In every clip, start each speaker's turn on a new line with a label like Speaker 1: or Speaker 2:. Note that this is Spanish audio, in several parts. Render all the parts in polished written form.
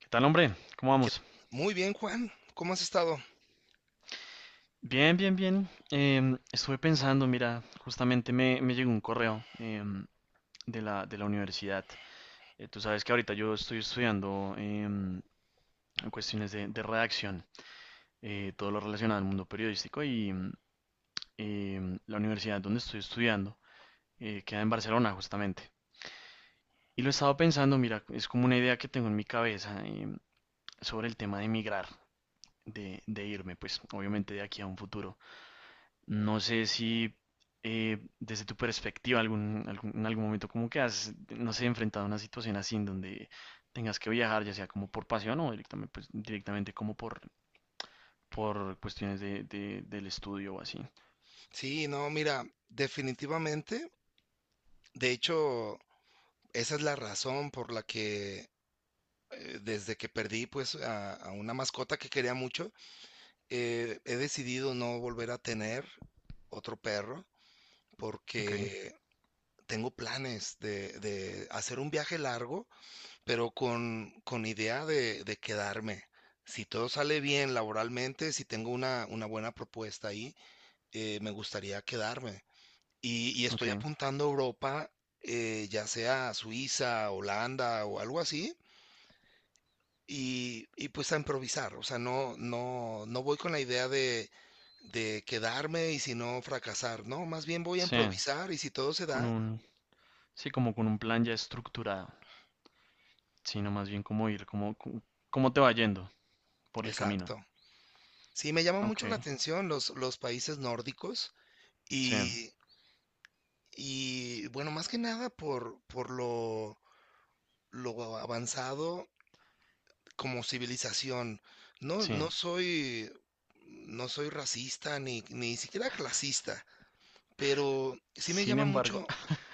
Speaker 1: ¿Qué tal, hombre? ¿Cómo
Speaker 2: Que-
Speaker 1: vamos?
Speaker 2: Muy bien, Juan. ¿Cómo has estado?
Speaker 1: Bien, bien, bien. Estuve pensando, mira, justamente me llegó un correo de la universidad. Tú sabes que ahorita yo estoy estudiando cuestiones de redacción, todo lo relacionado al mundo periodístico y la universidad donde estoy estudiando queda en Barcelona, justamente. Y lo he estado pensando, mira, es como una idea que tengo en mi cabeza sobre el tema de emigrar, de irme, pues obviamente de aquí a un futuro. No sé si desde tu perspectiva en algún momento como que has, no sé, enfrentado a una situación así en donde tengas que viajar, ya sea como por pasión o directamente, pues, directamente como por cuestiones del estudio o así.
Speaker 2: Sí, no, mira, definitivamente. De hecho, esa es la razón por la que desde que perdí pues a una mascota que quería mucho, he decidido no volver a tener otro perro
Speaker 1: Ok,
Speaker 2: porque tengo planes de hacer un viaje largo, pero con idea de quedarme. Si todo sale bien laboralmente, si tengo una buena propuesta ahí, me gustaría quedarme. Y estoy
Speaker 1: ok.
Speaker 2: apuntando a Europa, ya sea Suiza, Holanda o algo así, y pues a improvisar. O sea, no, no, no voy con la idea de quedarme y si no fracasar. No, más bien voy a
Speaker 1: Sí,
Speaker 2: improvisar y si todo se
Speaker 1: con
Speaker 2: da,
Speaker 1: un, sí, como con un plan ya estructurado, sino más bien como ir, como, como cómo te va yendo por el camino.
Speaker 2: exacto. Sí, me llama
Speaker 1: Ok,
Speaker 2: mucho la atención los países nórdicos
Speaker 1: sí,
Speaker 2: y, y bueno, más que nada por lo avanzado como civilización. No,
Speaker 1: sí.
Speaker 2: no soy, no soy racista ni siquiera clasista, pero sí me
Speaker 1: Sin
Speaker 2: llama
Speaker 1: embargo,
Speaker 2: mucho,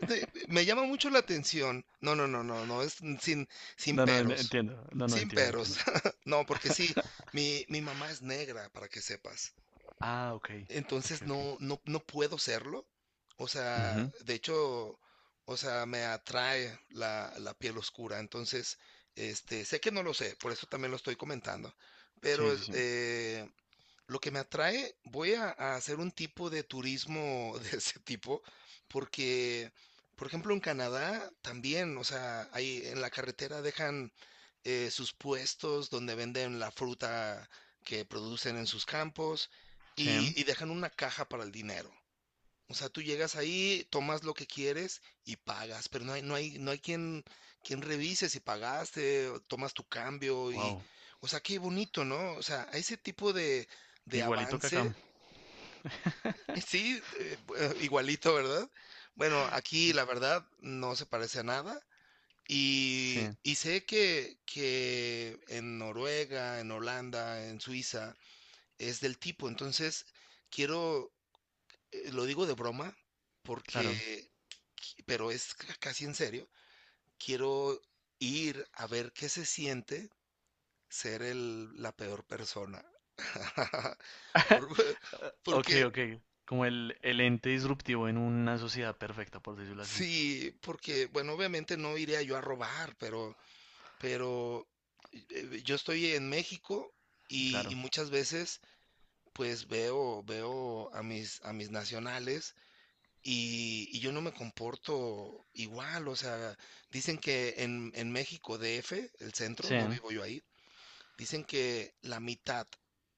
Speaker 2: me llama mucho la atención. No, no, no, no, no, es sin, sin
Speaker 1: no, no, no,
Speaker 2: peros,
Speaker 1: entiendo, no, no,
Speaker 2: sin
Speaker 1: entiendo,
Speaker 2: peros.
Speaker 1: entiendo.
Speaker 2: No, porque sí, mi mamá es negra, para que sepas.
Speaker 1: Ah, ok, ok,
Speaker 2: Entonces
Speaker 1: ok.
Speaker 2: no, no, no puedo serlo. O sea,
Speaker 1: Ujú.
Speaker 2: de hecho, o sea, me atrae la piel oscura. Entonces, sé que no lo sé, por eso también lo estoy comentando. Pero
Speaker 1: Sí, sí,
Speaker 2: es-
Speaker 1: sí.
Speaker 2: eh, lo que me atrae, voy a hacer un tipo de turismo de ese tipo, porque, por ejemplo, en Canadá también, o sea, ahí en la carretera dejan sus puestos donde venden la fruta que producen en sus campos y
Speaker 1: Sí,
Speaker 2: dejan una caja para el dinero. O sea, tú llegas ahí, tomas lo que quieres y pagas, pero no hay quien revise si pagaste, o tomas tu cambio y,
Speaker 1: wow.
Speaker 2: o sea, qué bonito, ¿no? O sea, a ese tipo de
Speaker 1: Igualito que acá.
Speaker 2: avance. Sí, igualito, ¿verdad? Bueno, aquí la verdad no se parece a nada
Speaker 1: Sí,
Speaker 2: y sé que en Noruega, en Holanda, en Suiza es del tipo, entonces quiero, lo digo de broma porque,
Speaker 1: claro.
Speaker 2: pero es casi en serio, quiero ir a ver qué se siente ser la peor persona. Por-
Speaker 1: Ok,
Speaker 2: Porque,
Speaker 1: ok. Como el ente disruptivo en una sociedad perfecta, por decirlo así.
Speaker 2: sí, porque, bueno, obviamente no iría yo a robar, pero yo estoy en México y
Speaker 1: Claro.
Speaker 2: muchas veces pues veo a mis nacionales. Y yo no me comporto igual, o sea, dicen que en México DF, el centro,
Speaker 1: Sí,
Speaker 2: no vivo yo ahí, dicen que la mitad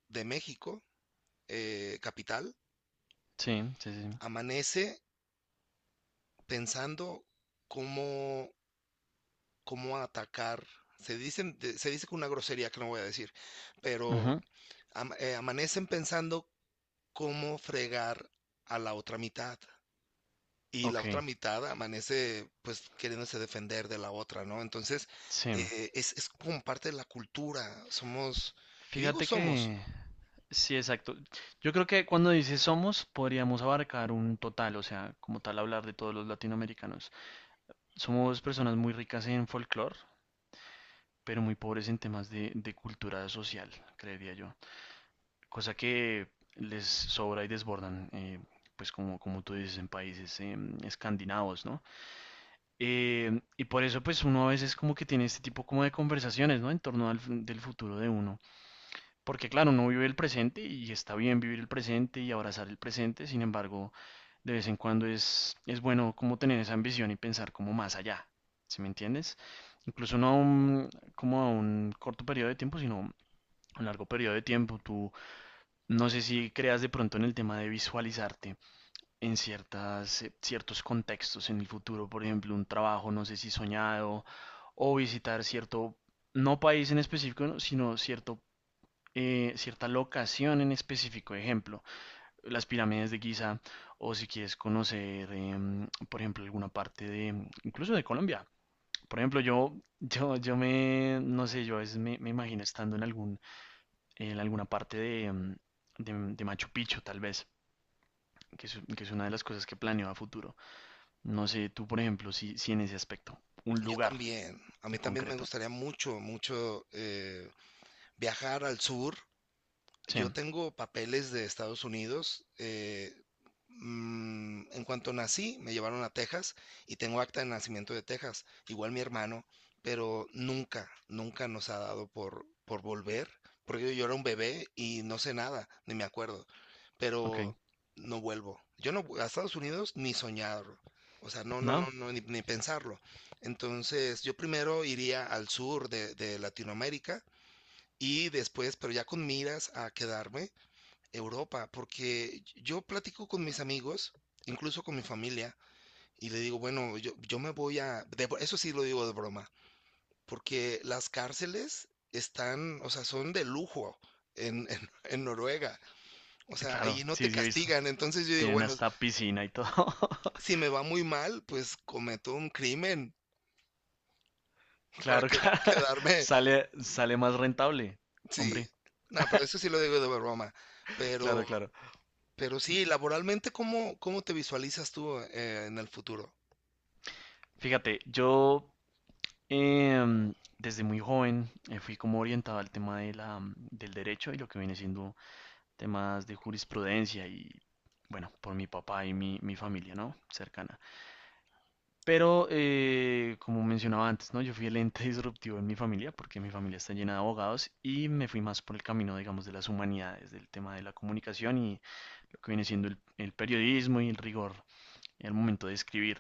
Speaker 2: de México, capital,
Speaker 1: sí, sí, sí.
Speaker 2: amanece pensando cómo, cómo atacar. Se dice con una grosería que no voy a decir, pero
Speaker 1: Ujú,
Speaker 2: amanecen pensando cómo fregar a la otra mitad. Y la
Speaker 1: ok,
Speaker 2: otra mitad amanece pues queriéndose defender de la otra, ¿no? Entonces,
Speaker 1: sí.
Speaker 2: es como parte de la cultura, somos, y digo
Speaker 1: Fíjate
Speaker 2: somos,
Speaker 1: que... Sí, exacto. Yo creo que cuando dices somos, podríamos abarcar un total, o sea, como tal hablar de todos los latinoamericanos. Somos personas muy ricas en folclore, pero muy pobres en temas de cultura social, creería yo. Cosa que les sobra y desbordan, pues como, como tú dices, en países escandinavos, ¿no? Y por eso pues uno a veces como que tiene este tipo como de conversaciones, ¿no? En torno al, del futuro de uno. Porque claro, uno vive el presente y está bien vivir el presente y abrazar el presente, sin embargo, de vez en cuando es bueno como tener esa ambición y pensar como más allá, ¿sí me entiendes? Incluso no a un, como a un corto periodo de tiempo, sino un largo periodo de tiempo, tú no sé si creas de pronto en el tema de visualizarte en ciertas, ciertos contextos en el futuro, por ejemplo, un trabajo, no sé si soñado, o visitar cierto, no país en específico, ¿no? Sino cierto, cierta locación en específico, ejemplo, las pirámides de Giza, o si quieres conocer, por ejemplo, alguna parte de, incluso de Colombia. Por ejemplo, no sé, yo a veces me imagino estando en algún en alguna parte de, de Machu Picchu, tal vez, que es una de las cosas que planeo a futuro. No sé, tú, por ejemplo, si, si en ese aspecto, un
Speaker 2: yo
Speaker 1: lugar
Speaker 2: también, a mí
Speaker 1: en
Speaker 2: también me
Speaker 1: concreto.
Speaker 2: gustaría mucho, mucho, viajar al sur.
Speaker 1: Sí,
Speaker 2: Yo tengo papeles de Estados Unidos. En cuanto nací, me llevaron a Texas y tengo acta de nacimiento de Texas, igual mi hermano, pero nunca, nunca nos ha dado por volver, porque yo era un bebé y no sé nada, ni me acuerdo, pero
Speaker 1: ok.
Speaker 2: no vuelvo. Yo no, vu- A Estados Unidos ni soñarlo. O sea, no, no, no,
Speaker 1: ¿No?
Speaker 2: no, ni, ni pensarlo. Entonces, yo primero iría al sur de Latinoamérica y después, pero ya con miras a quedarme, Europa, porque yo platico con mis amigos, incluso con mi familia, y le digo, bueno, yo me voy a... eso sí lo digo de broma, porque las cárceles están, o sea, son de lujo en Noruega, o sea,
Speaker 1: Claro,
Speaker 2: ahí no
Speaker 1: sí,
Speaker 2: te
Speaker 1: sí, he visto.
Speaker 2: castigan, entonces yo digo,
Speaker 1: Tienen
Speaker 2: bueno,
Speaker 1: hasta piscina y todo.
Speaker 2: si me va muy mal, pues cometo un crimen para
Speaker 1: Claro,
Speaker 2: que,
Speaker 1: claro.
Speaker 2: quedarme,
Speaker 1: Sale, sale más rentable.
Speaker 2: sí,
Speaker 1: Hombre,
Speaker 2: no, pero eso sí lo digo de broma, pero...
Speaker 1: claro, claro.
Speaker 2: Pero sí, laboralmente, ¿cómo, cómo te visualizas tú, en el futuro?
Speaker 1: Fíjate, yo desde muy joven fui como orientado al tema de la, del derecho y lo que viene siendo temas de jurisprudencia y, bueno, por mi papá y mi familia, ¿no? Cercana. Pero, como mencionaba antes, ¿no? Yo fui el ente disruptivo en mi familia porque mi familia está llena de abogados y me fui más por el camino, digamos, de las humanidades, del tema de la comunicación y lo que viene siendo el periodismo y el rigor al momento de escribir.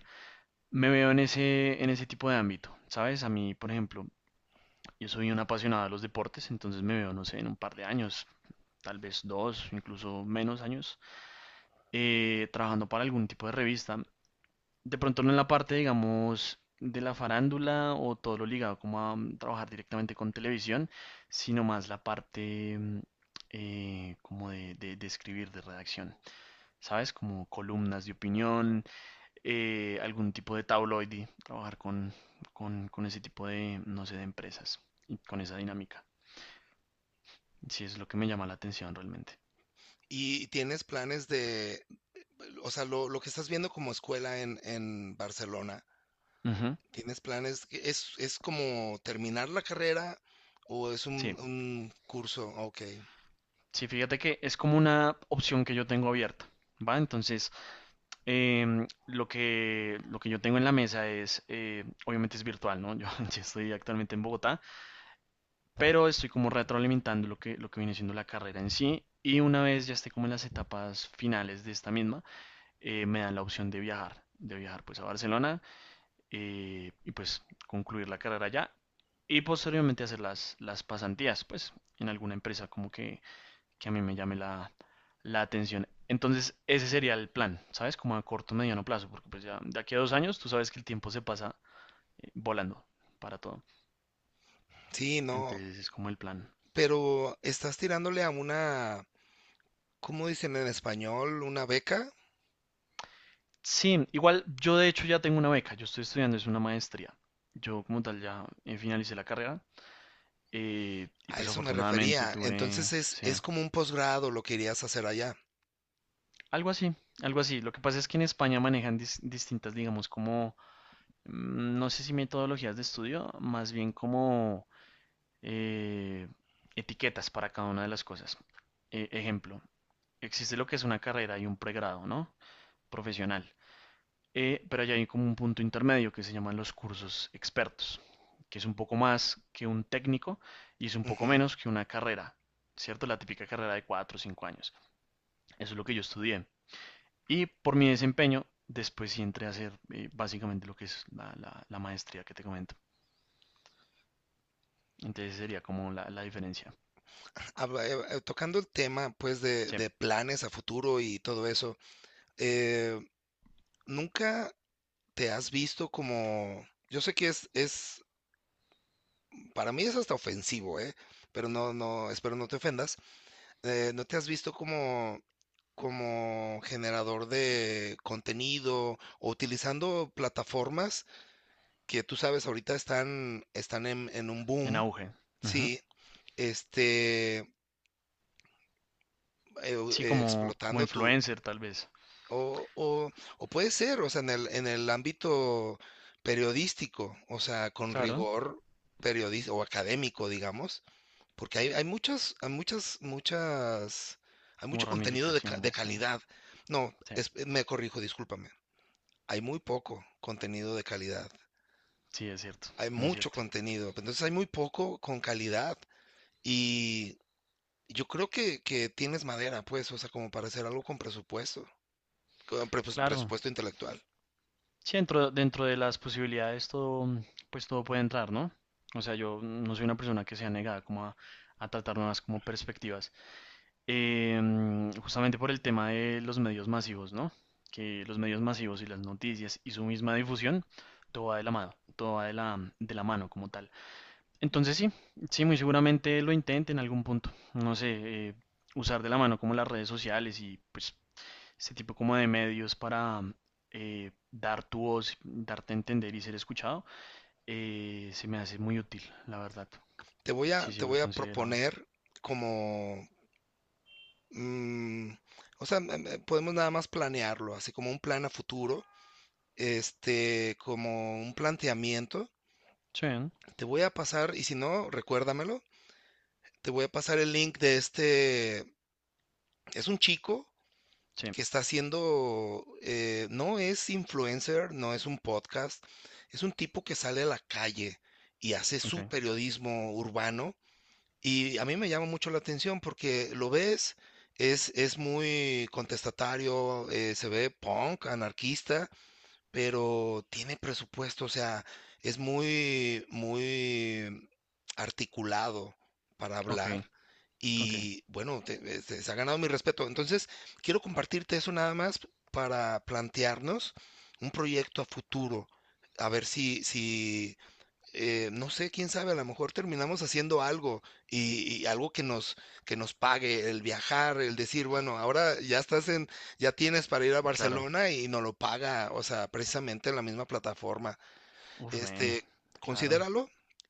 Speaker 1: Me veo en ese tipo de ámbito, ¿sabes? A mí, por ejemplo, yo soy un apasionado de los deportes, entonces me veo, no sé, en un par de años, tal vez dos, incluso menos años, trabajando para algún tipo de revista. De pronto no en la parte, digamos, de la farándula o todo lo ligado como a trabajar directamente con televisión, sino más la parte como de escribir, de redacción, ¿sabes? Como columnas de opinión, algún tipo de tabloide, trabajar con ese tipo de, no sé, de empresas y con esa dinámica. Sí, es lo que me llama la atención realmente.
Speaker 2: ¿Y tienes planes de, o sea, lo que estás viendo como escuela en Barcelona,
Speaker 1: Ujú,
Speaker 2: ¿tienes planes? Es como terminar la carrera o es
Speaker 1: sí.
Speaker 2: un curso? Ok.
Speaker 1: Sí, fíjate que es como una opción que yo tengo abierta, ¿va? Entonces, lo que yo tengo en la mesa es, obviamente es virtual, ¿no? Yo, yo estoy actualmente en Bogotá, pero estoy como retroalimentando lo que viene siendo la carrera en sí. Y una vez ya esté como en las etapas finales de esta misma, me dan la opción de viajar pues a Barcelona y pues concluir la carrera allá y posteriormente hacer las pasantías, pues en alguna empresa como que a mí me llame la, la atención. Entonces, ese sería el plan, ¿sabes? Como a corto, mediano plazo, porque pues ya de aquí a dos años tú sabes que el tiempo se pasa volando para todo.
Speaker 2: Sí, no,
Speaker 1: Entonces, es como el plan.
Speaker 2: pero estás tirándole a una, ¿cómo dicen en español? ¿Una beca?
Speaker 1: Sí, igual yo de hecho ya tengo una beca, yo estoy estudiando, es una maestría. Yo como tal ya finalicé la carrera y
Speaker 2: A
Speaker 1: pues
Speaker 2: eso me
Speaker 1: afortunadamente
Speaker 2: refería. Entonces
Speaker 1: tuve, sí,
Speaker 2: es como un posgrado lo que irías a hacer allá.
Speaker 1: algo así, algo así. Lo que pasa es que en España manejan distintas, digamos, como, no sé si metodologías de estudio, más bien como eh, etiquetas para cada una de las cosas. Ejemplo, existe lo que es una carrera y un pregrado, ¿no? Profesional. Pero allá hay como un punto intermedio que se llaman los cursos expertos, que es un poco más que un técnico y es un poco menos que una carrera, ¿cierto? La típica carrera de 4 o 5 años. Eso es lo que yo estudié. Y por mi desempeño, después sí entré a hacer básicamente lo que es la, la maestría que te comento. Entonces sería como la diferencia.
Speaker 2: Tocando el tema, pues,
Speaker 1: Sí,
Speaker 2: de planes a futuro y todo eso, eh, ¿nunca te has visto como... Yo sé que es, para mí es hasta ofensivo, ¿eh? Pero no, no, espero no te ofendas. ¿No te has visto como, como generador de contenido o utilizando plataformas que tú sabes ahorita están, están en un
Speaker 1: en
Speaker 2: boom?
Speaker 1: auge. Ujú.
Speaker 2: Sí, este,
Speaker 1: Sí, como, como
Speaker 2: explotando tu,
Speaker 1: influencer tal vez.
Speaker 2: o, o puede ser, o sea, en el ámbito periodístico, o sea, con
Speaker 1: Claro,
Speaker 2: rigor periodístico o académico, digamos, porque hay
Speaker 1: como
Speaker 2: mucho contenido de
Speaker 1: ramificaciones, sí.
Speaker 2: calidad. No,
Speaker 1: Sí,
Speaker 2: es- Me corrijo, discúlpame. Hay muy poco contenido de calidad.
Speaker 1: sí, es cierto,
Speaker 2: Hay
Speaker 1: es
Speaker 2: mucho
Speaker 1: cierto.
Speaker 2: contenido, pero entonces hay muy poco con calidad. Y yo creo que tienes madera, pues, o sea, como para hacer algo con presupuesto,
Speaker 1: Claro.
Speaker 2: presupuesto intelectual.
Speaker 1: Sí, dentro, dentro de las posibilidades todo, pues todo puede entrar, ¿no? O sea, yo no soy una persona que sea negada como a tratar nuevas como perspectivas. Justamente por el tema de los medios masivos, ¿no? Que los medios masivos y las noticias y su misma difusión, todo va de la mano, todo va de la mano como tal. Entonces sí, sí, muy seguramente lo intente en algún punto. No sé, usar de la mano como las redes sociales y pues este tipo como de medios para dar tu voz, darte a entender y ser escuchado, se me hace muy útil, la verdad. Sí,
Speaker 2: Te
Speaker 1: sí, lo he
Speaker 2: voy a
Speaker 1: considerado.
Speaker 2: proponer como, mm, o sea, podemos nada más planearlo, así como un plan a futuro, este, como un planteamiento.
Speaker 1: Sí, ¿no?
Speaker 2: Te voy a pasar, y si no, recuérdamelo, te voy a pasar el link de este, es un chico
Speaker 1: Sí,
Speaker 2: que está haciendo, no es influencer, no es un podcast, es un tipo que sale a la calle y hace
Speaker 1: ok,
Speaker 2: su periodismo urbano. Y a mí me llama mucho la atención porque lo ves, es muy contestatario, se ve punk, anarquista, pero tiene presupuesto, o sea, es muy, muy articulado para
Speaker 1: ok,
Speaker 2: hablar.
Speaker 1: ok,
Speaker 2: Y bueno, se ha ganado mi respeto. Entonces, quiero compartirte eso nada más para plantearnos un proyecto a futuro. A ver si, si, no sé, quién sabe, a lo mejor terminamos haciendo algo y algo que nos pague, el viajar, el decir, bueno, ahora ya estás en, ya tienes para ir a
Speaker 1: claro.
Speaker 2: Barcelona y nos lo paga, o sea, precisamente en la misma plataforma.
Speaker 1: Uf, ven,
Speaker 2: Este,
Speaker 1: claro.
Speaker 2: considéralo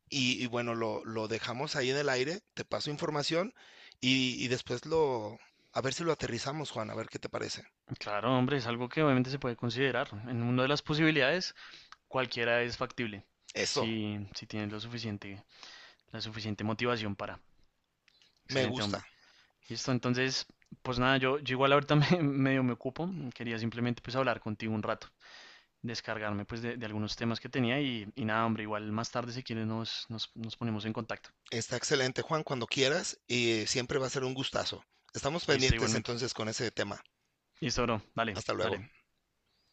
Speaker 2: y bueno, lo dejamos ahí en el aire, te paso información y después lo, a ver si lo aterrizamos, Juan, a ver qué te parece.
Speaker 1: Claro, hombre, es algo que obviamente se puede considerar. En una de las posibilidades, cualquiera es factible,
Speaker 2: Eso,
Speaker 1: si, si tienes lo suficiente La suficiente motivación para.
Speaker 2: me
Speaker 1: Excelente,
Speaker 2: gusta.
Speaker 1: hombre. Listo, entonces, pues nada, yo igual ahorita me, medio me ocupo. Quería simplemente pues hablar contigo un rato, descargarme pues de algunos temas que tenía y nada, hombre, igual más tarde si quieres nos ponemos en contacto.
Speaker 2: Está excelente, Juan, cuando quieras y siempre va a ser un gustazo. Estamos
Speaker 1: Listo,
Speaker 2: pendientes
Speaker 1: igualmente.
Speaker 2: entonces con ese tema.
Speaker 1: Listo, bro. Dale,
Speaker 2: Hasta luego.
Speaker 1: dale.